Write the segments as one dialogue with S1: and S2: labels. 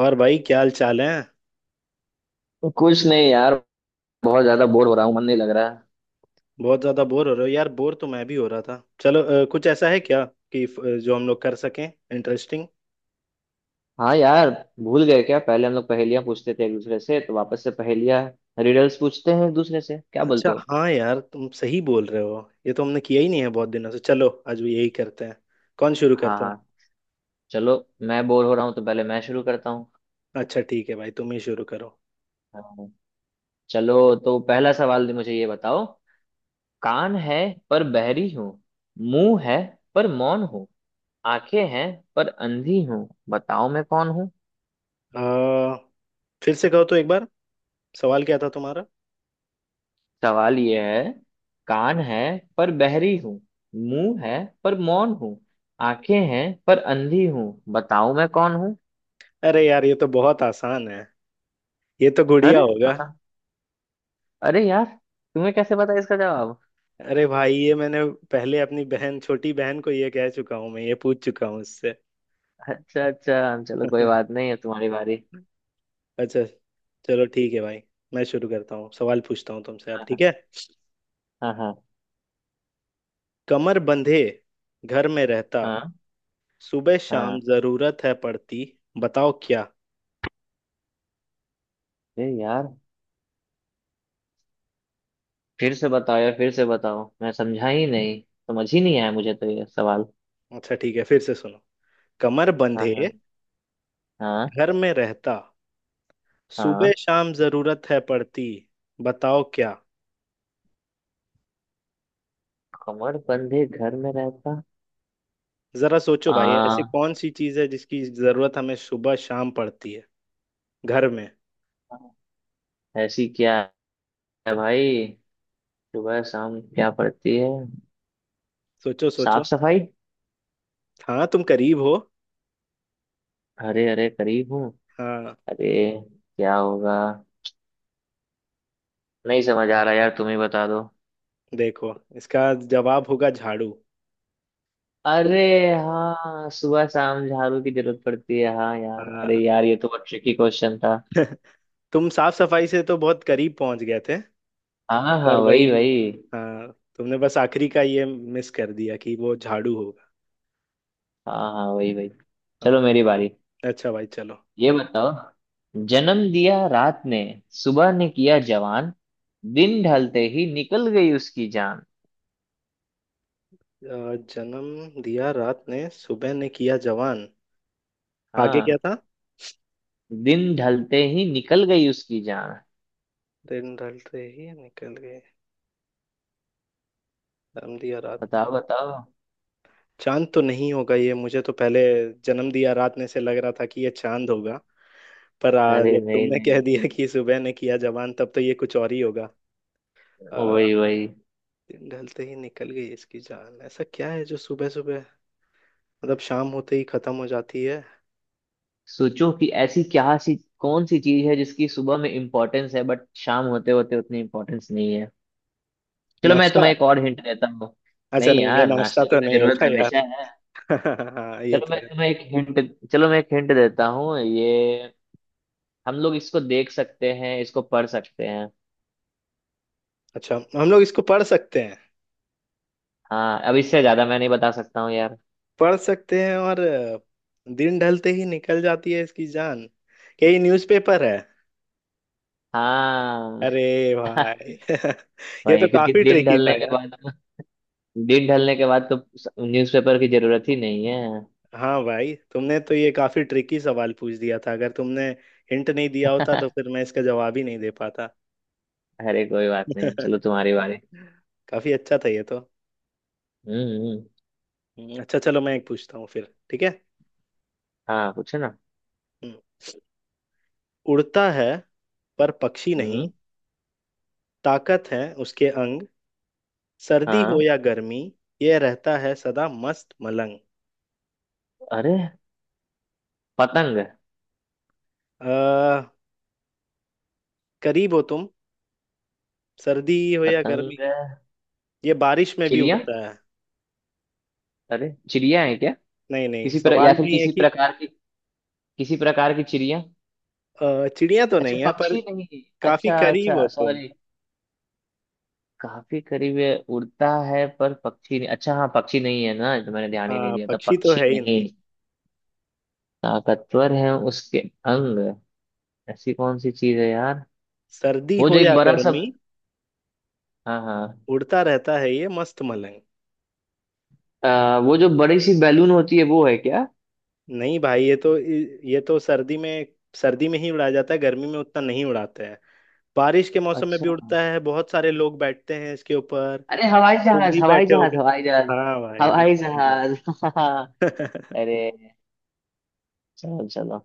S1: और भाई क्या हाल चाल है।
S2: कुछ नहीं यार। बहुत ज्यादा बोर हो रहा हूँ, मन नहीं लग रहा है।
S1: बहुत ज्यादा बोर हो रहे हो यार। बोर तो मैं भी हो रहा था। चलो, कुछ ऐसा है क्या कि जो हम लोग कर सकें, इंटरेस्टिंग।
S2: हाँ यार, भूल गए क्या? पहले हम लोग पहेलियां पूछते थे एक दूसरे से, तो वापस से पहेलियां रिडल्स पूछते हैं एक दूसरे से, क्या बोलते
S1: अच्छा,
S2: हो?
S1: हाँ यार, तुम सही बोल रहे हो। ये तो हमने किया ही नहीं है बहुत दिनों से। चलो आज भी यही करते हैं। कौन शुरू
S2: हाँ
S1: करता है?
S2: हाँ। चलो, मैं बोर हो रहा हूँ तो पहले मैं शुरू करता हूँ।
S1: अच्छा ठीक है भाई, तुम ही शुरू करो।
S2: हाँ, चलो तो पहला सवाल मुझे ये बताओ। कान है पर बहरी हूँ, मुंह है पर मौन हूँ, आंखें हैं पर अंधी हूँ, बताओ मैं कौन हूँ?
S1: आ, फिर से कहो तो एक बार। सवाल क्या था तुम्हारा?
S2: सवाल ये है। कान है पर बहरी हूँ, मुंह है पर मौन हूँ, आंखें हैं पर अंधी हूँ, बताओ मैं कौन हूँ?
S1: अरे यार, ये तो बहुत आसान है। ये तो गुड़िया
S2: अरे
S1: होगा।
S2: अरे यार, तुम्हें कैसे पता इसका जवाब?
S1: अरे भाई, ये मैंने पहले अपनी बहन, छोटी बहन को ये कह चुका हूँ, मैं ये पूछ चुका हूँ उससे।
S2: अच्छा अच्छा, चलो कोई बात नहीं है, तुम्हारी बारी।
S1: अच्छा, चलो ठीक है भाई, मैं शुरू करता हूँ। सवाल पूछता हूँ तुमसे अब, ठीक
S2: हाँ
S1: है?
S2: हाँ, हाँ
S1: कमर बंधे, घर में रहता,
S2: हाँ, हाँ
S1: सुबह शाम
S2: हाँ,
S1: जरूरत है पड़ती, बताओ क्या।
S2: अरे यार फिर से बताओ यार, फिर से बताओ, मैं समझा ही नहीं, समझ ही नहीं आया मुझे तो ये सवाल।
S1: अच्छा ठीक है, फिर से सुनो। कमर
S2: हाँ
S1: बंधे,
S2: हाँ, हाँ
S1: घर में रहता, सुबह
S2: हाँ।
S1: शाम जरूरत है पड़ती, बताओ क्या।
S2: कमर बंधे घर में रहता।
S1: जरा सोचो भाई, ऐसी
S2: आ
S1: कौन सी चीज है जिसकी जरूरत हमें सुबह शाम पड़ती है घर में।
S2: ऐसी क्या है भाई? सुबह शाम क्या पड़ती है?
S1: सोचो सोचो।
S2: साफ सफाई।
S1: हाँ तुम करीब हो।
S2: हरे हरे करीब हूँ।
S1: हाँ,
S2: अरे, क्या होगा? नहीं समझ आ रहा यार, तुम ही बता दो।
S1: देखो, इसका जवाब होगा झाड़ू। तुम।
S2: अरे, हाँ सुबह शाम झाड़ू की जरूरत पड़ती है। हाँ यार, अरे
S1: हाँ।
S2: यार ये तो बहुत ट्रिकी क्वेश्चन था।
S1: तुम साफ सफाई से तो बहुत करीब पहुंच गए थे।
S2: हाँ हाँ
S1: पर वही,
S2: वही वही।
S1: हाँ, तुमने बस आखिरी का ये मिस कर दिया कि वो झाड़ू होगा।
S2: हाँ हाँ वही वही।
S1: हाँ।
S2: चलो मेरी बारी।
S1: अच्छा भाई चलो।
S2: ये बताओ, जन्म दिया रात ने, सुबह ने किया जवान, दिन ढलते ही निकल गई उसकी जान।
S1: जन्म दिया रात ने, सुबह ने किया जवान। आगे क्या
S2: हाँ,
S1: था?
S2: दिन ढलते ही निकल गई उसकी जान,
S1: दिन ढलते ही निकल गए, जन्म दिया रात ने,
S2: बताओ बताओ।
S1: चांद तो नहीं होगा ये। मुझे तो पहले जन्म दिया रात ने से लग रहा था कि ये चांद होगा, पर
S2: अरे
S1: जब
S2: नहीं
S1: तुमने कह
S2: नहीं,
S1: दिया कि सुबह ने किया जवान, तब तो ये कुछ और ही होगा।
S2: वही वही।
S1: दिन ढलते ही निकल गई इसकी जान, ऐसा क्या है जो सुबह सुबह, मतलब शाम होते ही खत्म हो जाती है।
S2: सोचो कि ऐसी क्या सी, कौन सी चीज है जिसकी सुबह में इम्पोर्टेंस है, बट शाम होते होते उतनी इम्पोर्टेंस नहीं है। चलो मैं
S1: नाश्ता।
S2: तुम्हें एक और हिंट देता हूँ।
S1: अच्छा
S2: नहीं
S1: नहीं, ये
S2: यार,
S1: नाश्ता
S2: नाश्ते की
S1: तो
S2: तो
S1: नहीं
S2: जरूरत
S1: होता यार।
S2: हमेशा है।
S1: हाँ, ये
S2: चलो
S1: तो
S2: मैं
S1: है।
S2: तुम्हें एक हिंट, चलो मैं एक हिंट देता हूँ, ये हम लोग इसको देख सकते हैं, इसको पढ़ सकते हैं।
S1: अच्छा, हम लोग इसको पढ़ सकते हैं।
S2: हाँ, अब इससे ज्यादा मैं नहीं बता सकता हूँ यार।
S1: पढ़ सकते हैं और दिन ढलते ही निकल जाती है इसकी जान, क्या ये न्यूज़पेपर है?
S2: हाँ।
S1: अरे भाई, ये तो
S2: वही, क्योंकि
S1: काफी
S2: दिन
S1: ट्रिकी था
S2: ढलने के
S1: यार।
S2: बाद, दिन ढलने के बाद तो न्यूज़पेपर की जरूरत ही नहीं है।
S1: हाँ भाई, तुमने तो ये काफी ट्रिकी सवाल पूछ दिया था। अगर तुमने हिंट नहीं दिया होता तो फिर मैं इसका जवाब ही नहीं दे पाता।
S2: अरे कोई बात नहीं, चलो तुम्हारी बारी।
S1: काफी अच्छा था ये तो।
S2: हम्म।
S1: अच्छा, चलो मैं एक पूछता हूँ फिर, ठीक है?
S2: हाँ पूछो ना।
S1: हम्म। उड़ता है पर पक्षी नहीं,
S2: हम्म।
S1: ताकत है उसके अंग, सर्दी हो
S2: हाँ।
S1: या गर्मी, ये रहता है सदा मस्त मलंग।
S2: अरे पतंग।
S1: आ, करीब हो तुम। सर्दी हो या गर्मी,
S2: पतंग।
S1: ये बारिश में भी
S2: चिड़िया,
S1: उड़ता है।
S2: अरे चिड़िया है क्या?
S1: नहीं नहीं,
S2: या
S1: सवाल
S2: फिर
S1: भी है
S2: किसी
S1: कि
S2: प्रकार की, किसी प्रकार की चिड़िया।
S1: चिड़िया तो
S2: अच्छा
S1: नहीं है, पर
S2: पक्षी नहीं।
S1: काफी
S2: अच्छा
S1: करीब हो
S2: अच्छा
S1: तुम।
S2: सॉरी। काफी करीब है, उड़ता है पर पक्षी नहीं, अच्छा हाँ पक्षी नहीं है ना, तो मैंने ध्यान ही नहीं
S1: हाँ,
S2: दिया था,
S1: पक्षी तो
S2: पक्षी
S1: है ही नहीं।
S2: नहीं। ताकतवर है उसके अंग, ऐसी कौन सी चीज है यार?
S1: सर्दी
S2: वो
S1: हो
S2: जो एक
S1: या
S2: बड़ा सा।
S1: गर्मी,
S2: हाँ हाँ।
S1: उड़ता रहता है ये मस्त मलंग।
S2: वो जो बड़ी सी बैलून होती है, वो है क्या?
S1: नहीं भाई, ये तो सर्दी में, सर्दी में ही उड़ाया जाता है, गर्मी में उतना नहीं उड़ाते हैं। बारिश के मौसम में
S2: अच्छा,
S1: भी उड़ता है, बहुत सारे लोग बैठते हैं इसके ऊपर,
S2: अरे हवाई
S1: तुम
S2: जहाज
S1: भी
S2: हवाई
S1: बैठे
S2: जहाज
S1: होगे।
S2: हवाई जहाज।
S1: हाँ भाई, एकदम
S2: हवाई
S1: सही
S2: जहाज।
S1: जवाब।
S2: अरे, चलो चलो,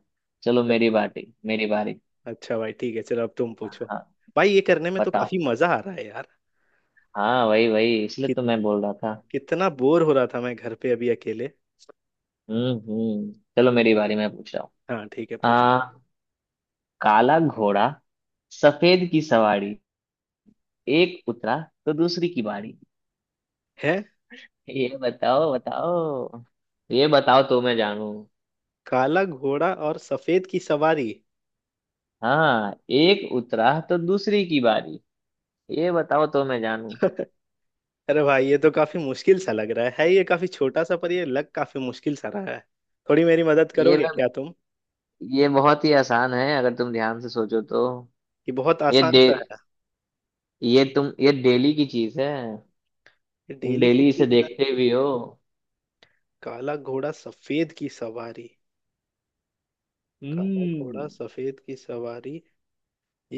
S2: चलो मेरी बारी मेरी बारी।
S1: अच्छा भाई ठीक है, चलो अब तुम पूछो।
S2: हाँ
S1: भाई, ये करने में तो
S2: बताओ।
S1: काफी मजा आ रहा है यार,
S2: हाँ वही वही, इसलिए
S1: कि,
S2: तो मैं बोल रहा था।
S1: कितना बोर हो रहा था मैं घर पे अभी अकेले।
S2: हम्म। चलो मेरी बारी, मैं पूछ रहा हूँ।
S1: हाँ ठीक है, पूछ।
S2: आ काला घोड़ा, सफेद की सवारी, एक उतरा तो दूसरी की बारी।
S1: है,
S2: ये बताओ बताओ, ये बताओ तो मैं जानू।
S1: काला घोड़ा और सफेद की सवारी।
S2: हाँ, एक उतरा तो दूसरी की बारी, ये बताओ तो मैं जानूं।
S1: अरे भाई, ये तो काफी मुश्किल सा लग रहा है। है ये काफी छोटा सा, पर ये लग काफी मुश्किल सा रहा है। थोड़ी मेरी मदद
S2: ये
S1: करोगे
S2: मैं,
S1: क्या तुम,
S2: ये बहुत ही आसान है अगर तुम ध्यान से सोचो तो।
S1: कि बहुत
S2: ये
S1: आसान
S2: डे
S1: सा है?
S2: ये तुम ये डेली की चीज है,
S1: ये
S2: तुम
S1: डेली की
S2: डेली इसे
S1: चीज है।
S2: देखते भी हो।
S1: काला घोड़ा सफेद की सवारी, काला घोड़ा
S2: हम्म।
S1: सफेद की सवारी,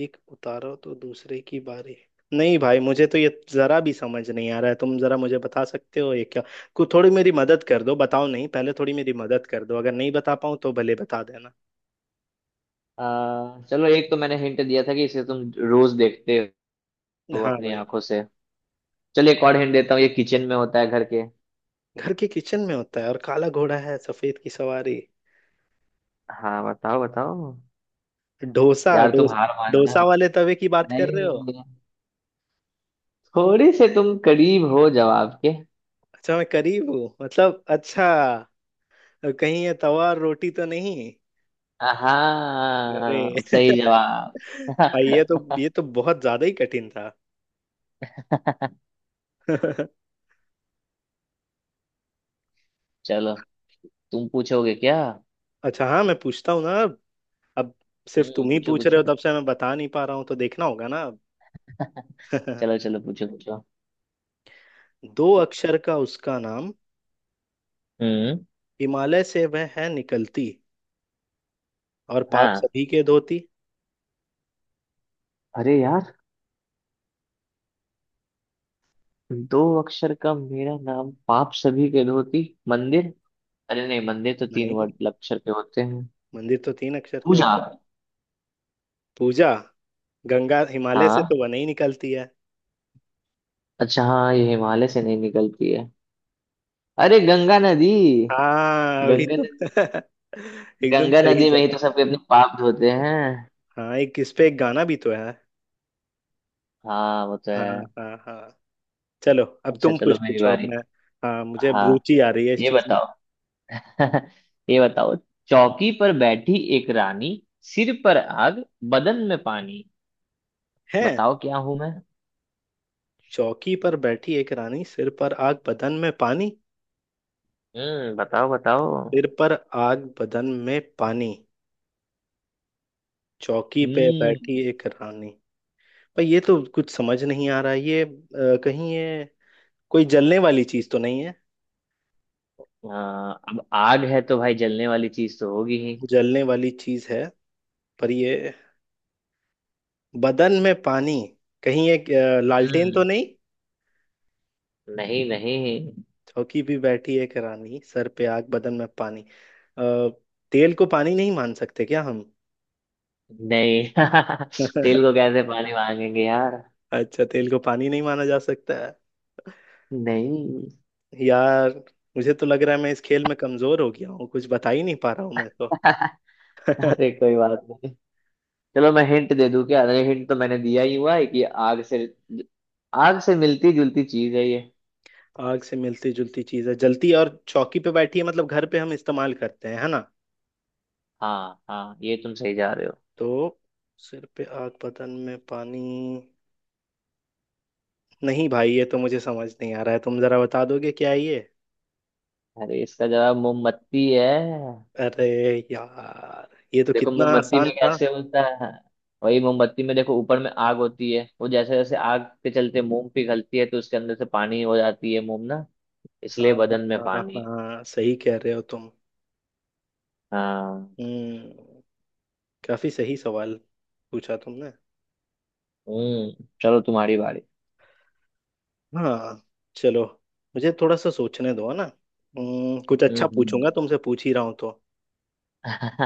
S1: एक उतारो तो दूसरे की बारी। नहीं भाई, मुझे तो ये जरा भी समझ नहीं आ रहा है। तुम जरा मुझे बता सकते हो ये क्या को, थोड़ी मेरी मदद कर दो, बताओ नहीं, पहले थोड़ी मेरी मदद कर दो, अगर नहीं बता पाऊँ तो भले बता देना।
S2: चलो एक तो मैंने हिंट दिया था कि इसे तुम रोज देखते हो
S1: हाँ
S2: अपनी
S1: भाई।
S2: आंखों से। चलो एक और हिंट देता हूँ, ये किचन में होता है घर के।
S1: घर के किचन में होता है और काला घोड़ा है सफेद की सवारी?
S2: हाँ बताओ बताओ।
S1: डोसा,
S2: यार तुम हार मान जाओ।
S1: डोसा वाले तवे की बात कर रहे हो?
S2: नहीं, थोड़ी से तुम करीब हो जवाब के।
S1: अच्छा, मैं करीब हूँ मतलब, अच्छा, कहीं ये तवा और रोटी तो नहीं? अरे
S2: हाँ सही जवाब।
S1: भाई, ये तो बहुत ज्यादा ही कठिन था।
S2: चलो, तुम पूछोगे क्या?
S1: अच्छा हाँ, मैं पूछता हूँ ना अब सिर्फ तुम ही
S2: पूछो
S1: पूछ रहे
S2: पूछो।
S1: हो तब से, मैं बता नहीं पा रहा हूँ, तो देखना होगा ना अब।
S2: चलो चलो पूछो पूछो।
S1: दो अक्षर का उसका नाम,
S2: हम्म।
S1: हिमालय से वह है निकलती, और पाप
S2: हाँ।
S1: सभी के धोती।
S2: अरे यार, दो अक्षर का मेरा नाम, पाप सभी के धोती। मंदिर, अरे नहीं, मंदिर तो तीन
S1: नहीं,
S2: वर्ड अक्षर के होते हैं।
S1: मंदिर तो तीन अक्षर के
S2: पूजा।
S1: होगा। पूजा, गंगा, हिमालय से
S2: हाँ।
S1: तो वही निकलती है।
S2: अच्छा हाँ, ये हिमालय से नहीं निकलती है। अरे गंगा नदी।
S1: हाँ अभी
S2: गंगा
S1: तो।
S2: नदी।
S1: एकदम
S2: गंगा
S1: सही
S2: नदी में ही तो
S1: जवाब।
S2: सबके अपने पाप धोते हैं।
S1: हाँ, एक इस पे एक गाना भी तो है।
S2: हाँ वो तो
S1: हाँ।
S2: है।
S1: हाँ हाँ। चलो, अब
S2: अच्छा
S1: तुम कुछ
S2: चलो मेरी
S1: पूछो, अब
S2: बारी।
S1: मैं। हाँ, मुझे अब
S2: हाँ,
S1: रुचि आ रही है इस
S2: ये
S1: चीज में।
S2: बताओ। ये बताओ, चौकी पर बैठी एक रानी, सिर पर आग, बदन में पानी।
S1: है,
S2: बताओ क्या हूं मैं?
S1: चौकी पर बैठी एक रानी, सिर पर आग, बदन में पानी।
S2: बताओ बताओ।
S1: सिर पर आग, बदन में पानी, चौकी पे बैठी
S2: हम्म।
S1: एक रानी, पर ये तो कुछ समझ नहीं आ रहा है। ये, कहीं ये कोई जलने वाली चीज तो नहीं है?
S2: हाँ, अब आग है तो भाई जलने वाली चीज तो होगी ही।
S1: जलने वाली चीज है, पर ये बदन में पानी, कहीं एक लालटेन तो
S2: हम्म।
S1: नहीं?
S2: नहीं नहीं।
S1: चौकी भी बैठी है करानी, सर पे आग, बदन में पानी। अ, तेल को पानी नहीं मान सकते क्या हम?
S2: नहीं। तेल को कैसे पानी मांगेंगे यार?
S1: अच्छा, तेल को पानी नहीं माना जा सकता है
S2: नहीं।
S1: यार। मुझे तो लग रहा है मैं इस खेल में कमजोर हो गया हूँ, कुछ बता ही नहीं पा रहा हूँ मैं तो।
S2: अरे कोई बात नहीं, चलो मैं हिंट दे दूं क्या? अरे हिंट तो मैंने दिया ही हुआ है कि आग से, आग से मिलती जुलती चीज है ये।
S1: आग से मिलती जुलती चीज है, जलती, और चौकी पे बैठी है, मतलब घर पे हम इस्तेमाल करते हैं, है ना।
S2: हाँ हाँ, ये तुम सही जा रहे हो।
S1: तो सिर पे आग, बदन में पानी, नहीं भाई, ये तो मुझे समझ नहीं आ रहा है, तुम जरा बता दोगे क्या है ये?
S2: अरे इसका जवाब मोमबत्ती है।
S1: अरे यार, ये तो
S2: देखो
S1: कितना
S2: मोमबत्ती
S1: आसान
S2: में
S1: था।
S2: कैसे होता है। वही, मोमबत्ती में देखो ऊपर में आग होती है, वो जैसे जैसे आग के चलते मोम पिघलती है, तो उसके अंदर से पानी हो जाती है मोम ना,
S1: हाँ,
S2: इसलिए बदन में
S1: हाँ
S2: पानी है।
S1: हाँ, सही कह रहे हो तुम।
S2: हाँ।
S1: हम्म, काफी सही सवाल पूछा तुमने।
S2: हम्म। चलो तुम्हारी बारी।
S1: हाँ, चलो, मुझे थोड़ा सा सोचने दो, है ना। कुछ अच्छा पूछूंगा
S2: हम्म।
S1: तुमसे, पूछ ही रहा हूँ तो।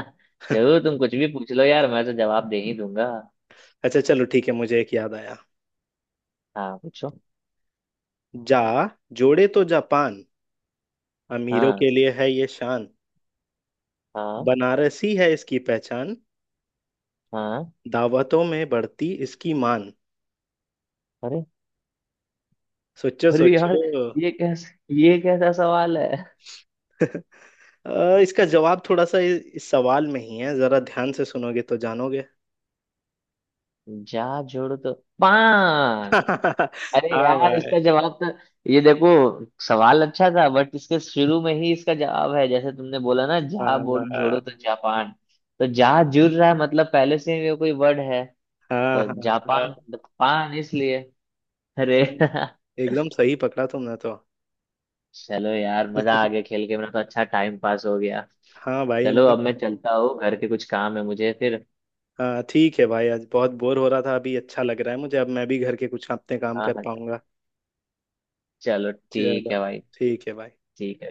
S2: जरूर, तुम कुछ भी पूछ लो यार, मैं तो जवाब दे ही दूंगा।
S1: अच्छा, चलो ठीक है, मुझे एक याद आया।
S2: हाँ पूछो।
S1: जा, जोड़े तो जापान, अमीरों
S2: हाँ
S1: के लिए है ये शान,
S2: हाँ।
S1: बनारसी है इसकी पहचान,
S2: हाँ।
S1: दावतों में बढ़ती इसकी मान।
S2: अरे।
S1: सोचो
S2: अरे यार,
S1: सोचो।
S2: ये कैसा, ये कैसा सवाल है?
S1: इसका जवाब थोड़ा सा इस सवाल में ही है, जरा ध्यान से सुनोगे तो जानोगे।
S2: जा जोड़ तो पान। अरे
S1: हाँ
S2: यार
S1: भाई।
S2: इसका जवाब तो, ये देखो सवाल अच्छा था बट इसके शुरू में ही इसका जवाब है, जैसे तुमने बोला ना, जहा
S1: हाँ,
S2: बोर्ड
S1: हाँ
S2: जोड़ो तो जापान, तो जहा जुड़ रहा है, मतलब पहले से ही वो कोई वर्ड है,
S1: हाँ,
S2: तो जापान,
S1: हाँ
S2: पान इसलिए। अरे।
S1: तुम, एकदम सही पकड़ा तुमने तो।
S2: चलो यार, मजा आ गया खेल के, मेरा तो अच्छा टाइम पास हो गया।
S1: हाँ भाई,
S2: चलो
S1: हमने।
S2: अब मैं चलता हूँ, घर के कुछ काम है मुझे फिर।
S1: हाँ ठीक है भाई, आज बहुत बोर हो रहा था, अभी अच्छा लग रहा है मुझे, अब मैं भी घर के कुछ अपने काम
S2: हाँ
S1: कर
S2: हाँ।
S1: पाऊंगा।
S2: चलो ठीक
S1: चलो
S2: है भाई।
S1: ठीक है भाई।
S2: ठीक है।